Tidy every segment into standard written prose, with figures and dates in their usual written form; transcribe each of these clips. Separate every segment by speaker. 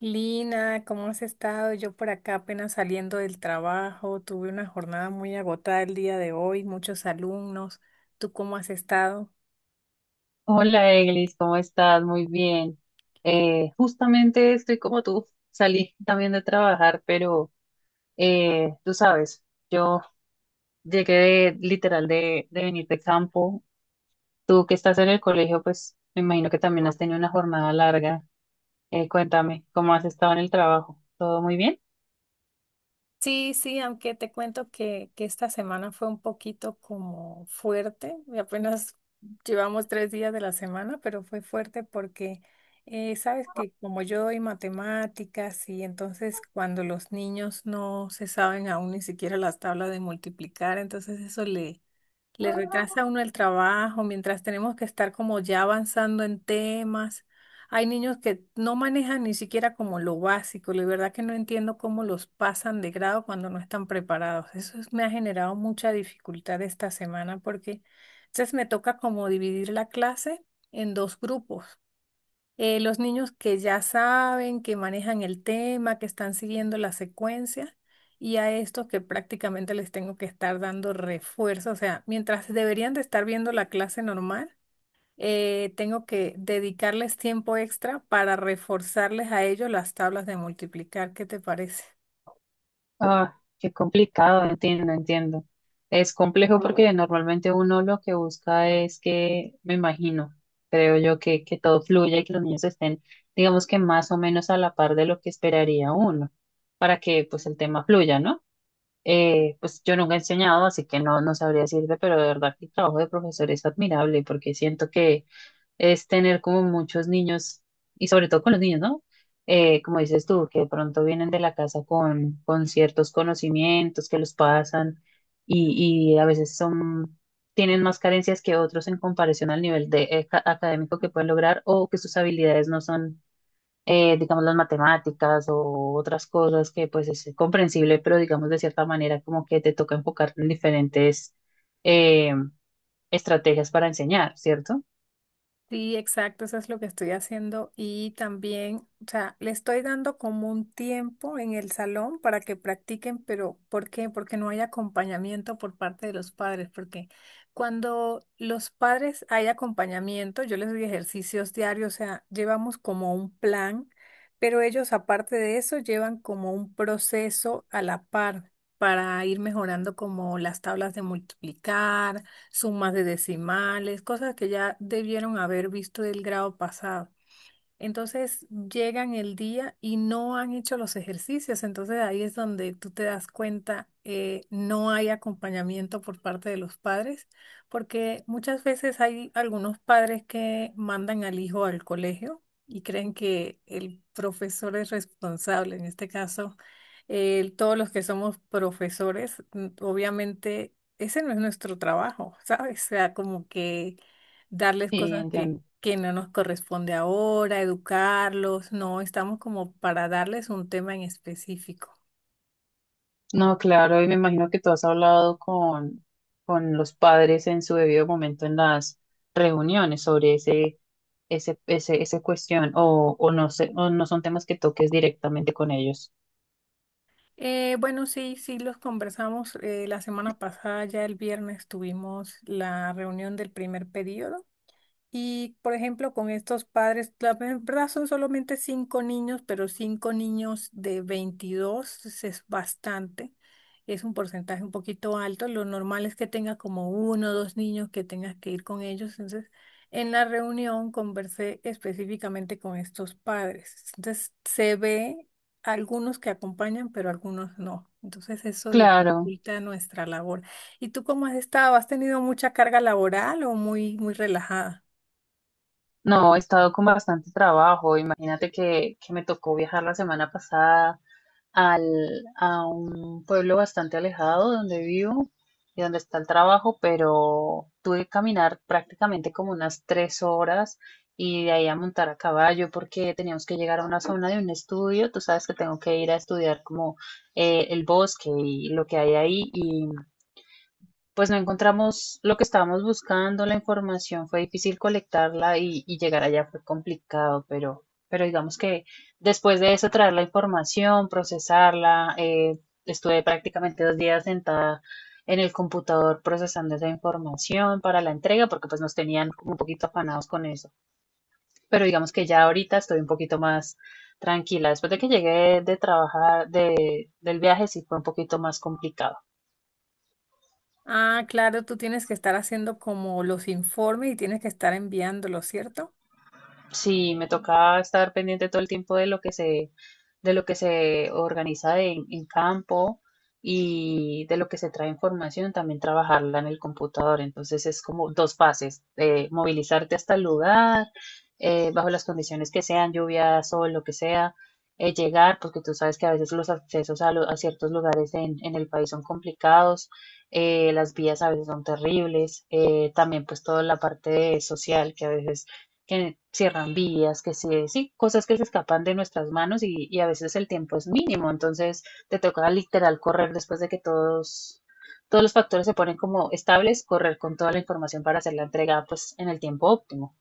Speaker 1: Lina, ¿cómo has estado? Yo por acá apenas saliendo del trabajo, tuve una jornada muy agotada el día de hoy, muchos alumnos. ¿Tú cómo has estado?
Speaker 2: Hola, Eglis, ¿cómo estás? Muy bien. Justamente estoy como tú, salí también de trabajar, pero tú sabes, yo llegué de, literal de, venir de campo. Tú que estás en el colegio, pues me imagino que también has tenido una jornada larga. Cuéntame, ¿cómo has estado en el trabajo? ¿Todo muy bien?
Speaker 1: Sí, sí, aunque te cuento que esta semana fue un poquito como fuerte, y apenas llevamos 3 días de la semana, pero fue fuerte porque sabes que como yo doy matemáticas y entonces cuando los niños no se saben aún ni siquiera las tablas de multiplicar, entonces eso le retrasa a uno el trabajo mientras tenemos que estar como ya avanzando en temas. Hay niños que no manejan ni siquiera como lo básico. La verdad que no entiendo cómo los pasan de grado cuando no están preparados. Me ha generado mucha dificultad esta semana porque entonces me toca como dividir la clase en dos grupos, los niños que ya saben, que manejan el tema, que están siguiendo la secuencia, y a estos que prácticamente les tengo que estar dando refuerzo. O sea, mientras deberían de estar viendo la clase normal, tengo que dedicarles tiempo extra para reforzarles a ellos las tablas de multiplicar. ¿Qué te parece?
Speaker 2: Ah, qué complicado, entiendo, entiendo. Es complejo porque normalmente uno lo que busca es que, me imagino, creo yo que todo fluya y que los niños estén, digamos que más o menos a la par de lo que esperaría uno, para que pues el tema fluya, ¿no? Pues yo nunca he enseñado, así que no sabría decirte, pero de verdad que el trabajo de profesor es admirable porque siento que es tener como muchos niños, y sobre todo con los niños, ¿no? Como dices tú, que de pronto vienen de la casa con ciertos conocimientos que los pasan y a veces son, tienen más carencias que otros en comparación al nivel de, académico que pueden lograr o que sus habilidades no son, digamos, las matemáticas o otras cosas que pues es comprensible, pero digamos de cierta manera como que te toca enfocar en diferentes eh, estrategias para enseñar, ¿cierto?
Speaker 1: Sí, exacto, eso es lo que estoy haciendo y también, o sea, le estoy dando como un tiempo en el salón para que practiquen, pero ¿por qué? Porque no hay acompañamiento por parte de los padres, porque cuando los padres hay acompañamiento, yo les doy ejercicios diarios, o sea, llevamos como un plan, pero ellos aparte de eso llevan como un proceso a la par para ir mejorando como las tablas de multiplicar, sumas de decimales, cosas que ya debieron haber visto del grado pasado. Entonces llegan el día y no han hecho los ejercicios. Entonces ahí es donde tú te das cuenta, no hay acompañamiento por parte de los padres, porque muchas veces hay algunos padres que mandan al hijo al colegio y creen que el profesor es responsable. En este caso, todos los que somos profesores, obviamente ese no es nuestro trabajo, ¿sabes? O sea, como que darles
Speaker 2: Sí,
Speaker 1: cosas que
Speaker 2: entiendo.
Speaker 1: que no nos corresponde ahora, educarlos, no, estamos como para darles un tema en específico.
Speaker 2: No, claro, y me imagino que tú has hablado con los padres en su debido momento en las reuniones sobre esa cuestión, o no sé, o no son temas que toques directamente con ellos.
Speaker 1: Bueno, sí, sí, los conversamos. La semana pasada, ya el viernes, tuvimos la reunión del primer periodo. Y, por ejemplo, con estos padres, la verdad son solamente cinco niños, pero cinco niños de 22 es bastante. Es un porcentaje un poquito alto. Lo normal es que tenga como uno o dos niños que tengas que ir con ellos. Entonces, en la reunión conversé específicamente con estos padres. Entonces, se ve algunos que acompañan, pero algunos no. Entonces, eso
Speaker 2: Claro,
Speaker 1: dificulta nuestra labor. ¿Y tú cómo has estado? ¿Has tenido mucha carga laboral o muy, muy relajada?
Speaker 2: no, he estado con bastante trabajo. Imagínate que me tocó viajar la semana pasada. Al, a un pueblo bastante alejado de donde vivo y donde está el trabajo, pero tuve que caminar prácticamente como unas 3 horas y de ahí a montar a caballo porque teníamos que llegar a una zona de un estudio. Tú sabes que tengo que ir a estudiar como el bosque y lo que hay ahí y pues no encontramos lo que estábamos buscando, la información fue difícil colectarla y llegar allá fue complicado, pero digamos que después de eso traer la información, procesarla, estuve prácticamente 2 días sentada en el computador procesando esa información para la entrega, porque pues nos tenían como un poquito afanados con eso. Pero digamos que ya ahorita estoy un poquito más tranquila. Después de que llegué de trabajar, de, del viaje, sí fue un poquito más complicado.
Speaker 1: Ah, claro, tú tienes que estar haciendo como los informes y tienes que estar enviándolos, ¿cierto?
Speaker 2: Sí, me toca estar pendiente todo el tiempo de lo que se, de lo que se organiza en campo y de lo que se trae información, también trabajarla en el computador. Entonces es como dos fases, movilizarte hasta el lugar, bajo las condiciones que sean, lluvia, sol, lo que sea, llegar, porque tú sabes que a veces los accesos a, a ciertos lugares en el país son complicados, las vías a veces son terribles, también pues toda la parte social que a veces que cierran vías, que sí, sí, cosas que se escapan de nuestras manos y a veces el tiempo es mínimo, entonces te toca literal correr después de que todos, todos los factores se ponen como estables, correr con toda la información para hacer la entrega pues en el tiempo óptimo.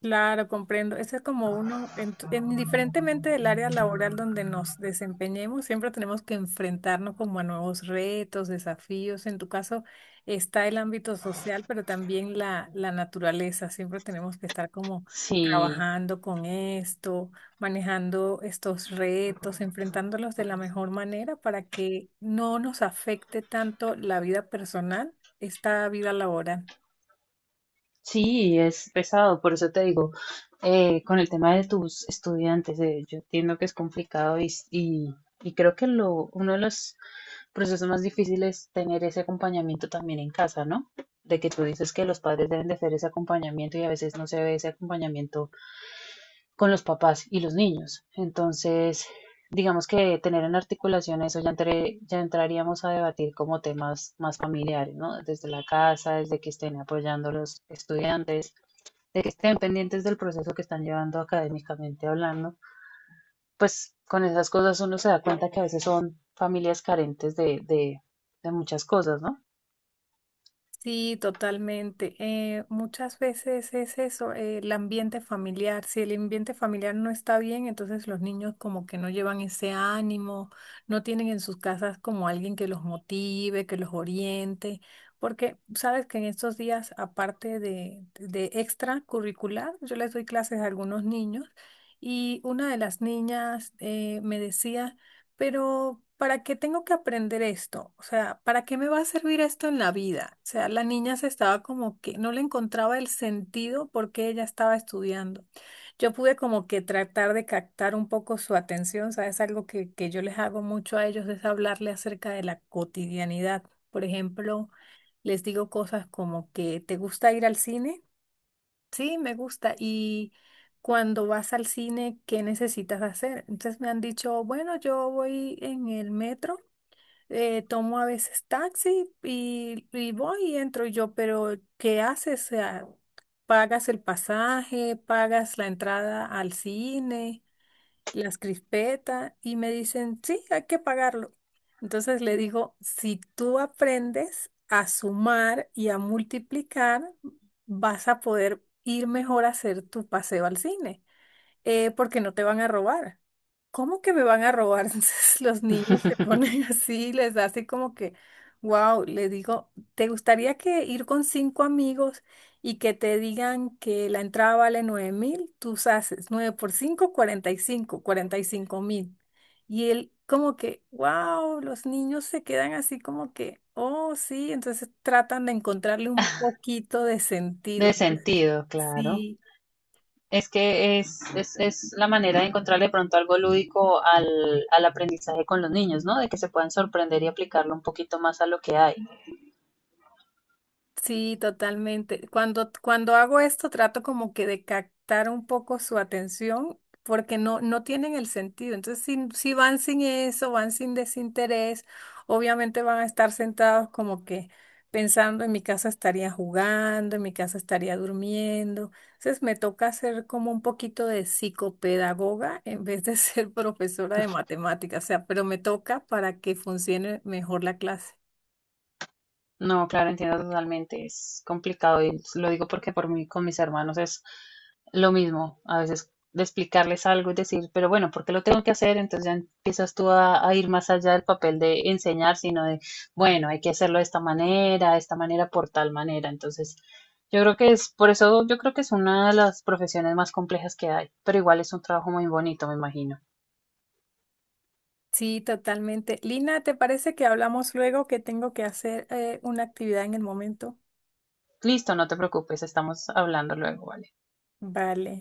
Speaker 1: Claro, comprendo. Ese es como uno, en, tu- indiferentemente del área laboral donde nos desempeñemos, siempre tenemos que enfrentarnos como a nuevos retos, desafíos. En tu caso está el ámbito social, pero también la naturaleza. Siempre tenemos que estar como
Speaker 2: Sí,
Speaker 1: trabajando con esto, manejando estos retos, enfrentándolos de la mejor manera para que no nos afecte tanto la vida personal, esta vida laboral.
Speaker 2: sí, es pesado, por eso te digo, con el tema de tus estudiantes, yo entiendo que es complicado y creo que lo, uno de los procesos más difíciles es tener ese acompañamiento también en casa, ¿no? De que tú dices que los padres deben de hacer ese acompañamiento y a veces no se ve ese acompañamiento con los papás y los niños. Entonces, digamos que tener en articulación eso ya, entre, ya entraríamos a debatir como temas más familiares, ¿no? Desde la casa, desde que estén apoyando los estudiantes de que estén pendientes del proceso que están llevando académicamente hablando, pues con esas cosas uno se da cuenta que a veces son familias carentes de muchas cosas, ¿no?
Speaker 1: Sí, totalmente. Muchas veces es eso, el ambiente familiar. Si el ambiente familiar no está bien, entonces los niños como que no llevan ese ánimo, no tienen en sus casas como alguien que los motive, que los oriente, porque sabes que en estos días, aparte de extracurricular, yo les doy clases a algunos niños y una de las niñas me decía... Pero, ¿para qué tengo que aprender esto? O sea, ¿para qué me va a servir esto en la vida? O sea, la niña se estaba como que no le encontraba el sentido por qué ella estaba estudiando. Yo pude como que tratar de captar un poco su atención, ¿sabes? Algo que yo les hago mucho a ellos es hablarle acerca de la cotidianidad. Por ejemplo, les digo cosas como que ¿te gusta ir al cine? Sí, me gusta. Y cuando vas al cine, ¿qué necesitas hacer? Entonces me han dicho, bueno, yo voy en el metro, tomo a veces taxi y voy y entro yo, pero ¿qué haces? O sea, ¿pagas el pasaje? ¿Pagas la entrada al cine? Las crispeta y me dicen, sí, hay que pagarlo. Entonces le digo, si tú aprendes a sumar y a multiplicar, vas a poder ir mejor a hacer tu paseo al cine, porque no te van a robar. ¿Cómo que me van a robar? Entonces los niños se ponen así, les hace como que wow. Le digo, ¿te gustaría que ir con cinco amigos y que te digan que la entrada vale 9.000? Tú haces nueve por cinco, 45, 45.000. Y él como que wow, los niños se quedan así como que, oh, sí, entonces tratan de encontrarle un poquito de
Speaker 2: De
Speaker 1: sentido.
Speaker 2: sentido, claro.
Speaker 1: Sí.
Speaker 2: Es que es la manera de encontrar de pronto algo lúdico al, al aprendizaje con los niños, ¿no? De que se puedan sorprender y aplicarlo un poquito más a lo que hay.
Speaker 1: Sí, totalmente. Cuando hago esto, trato como que de captar un poco su atención porque no, no tienen el sentido. Entonces, si van sin eso, van sin desinterés, obviamente van a estar sentados como que pensando, en mi casa estaría jugando, en mi casa estaría durmiendo. Entonces, me toca hacer como un poquito de psicopedagoga en vez de ser profesora de matemáticas, o sea, pero me toca para que funcione mejor la clase.
Speaker 2: No, claro, entiendo totalmente. Es complicado y lo digo porque por mí con mis hermanos es lo mismo. A veces de explicarles algo y decir, pero bueno, ¿por qué lo tengo que hacer? Entonces ya empiezas tú a ir más allá del papel de enseñar, sino de, bueno, hay que hacerlo de esta manera, por tal manera. Entonces, yo creo que es, por eso yo creo que es una de las profesiones más complejas que hay, pero igual es un trabajo muy bonito, me imagino.
Speaker 1: Sí, totalmente. Lina, ¿te parece que hablamos luego que tengo que hacer una actividad en el momento?
Speaker 2: Listo, no te preocupes, estamos hablando luego, ¿vale?
Speaker 1: Vale.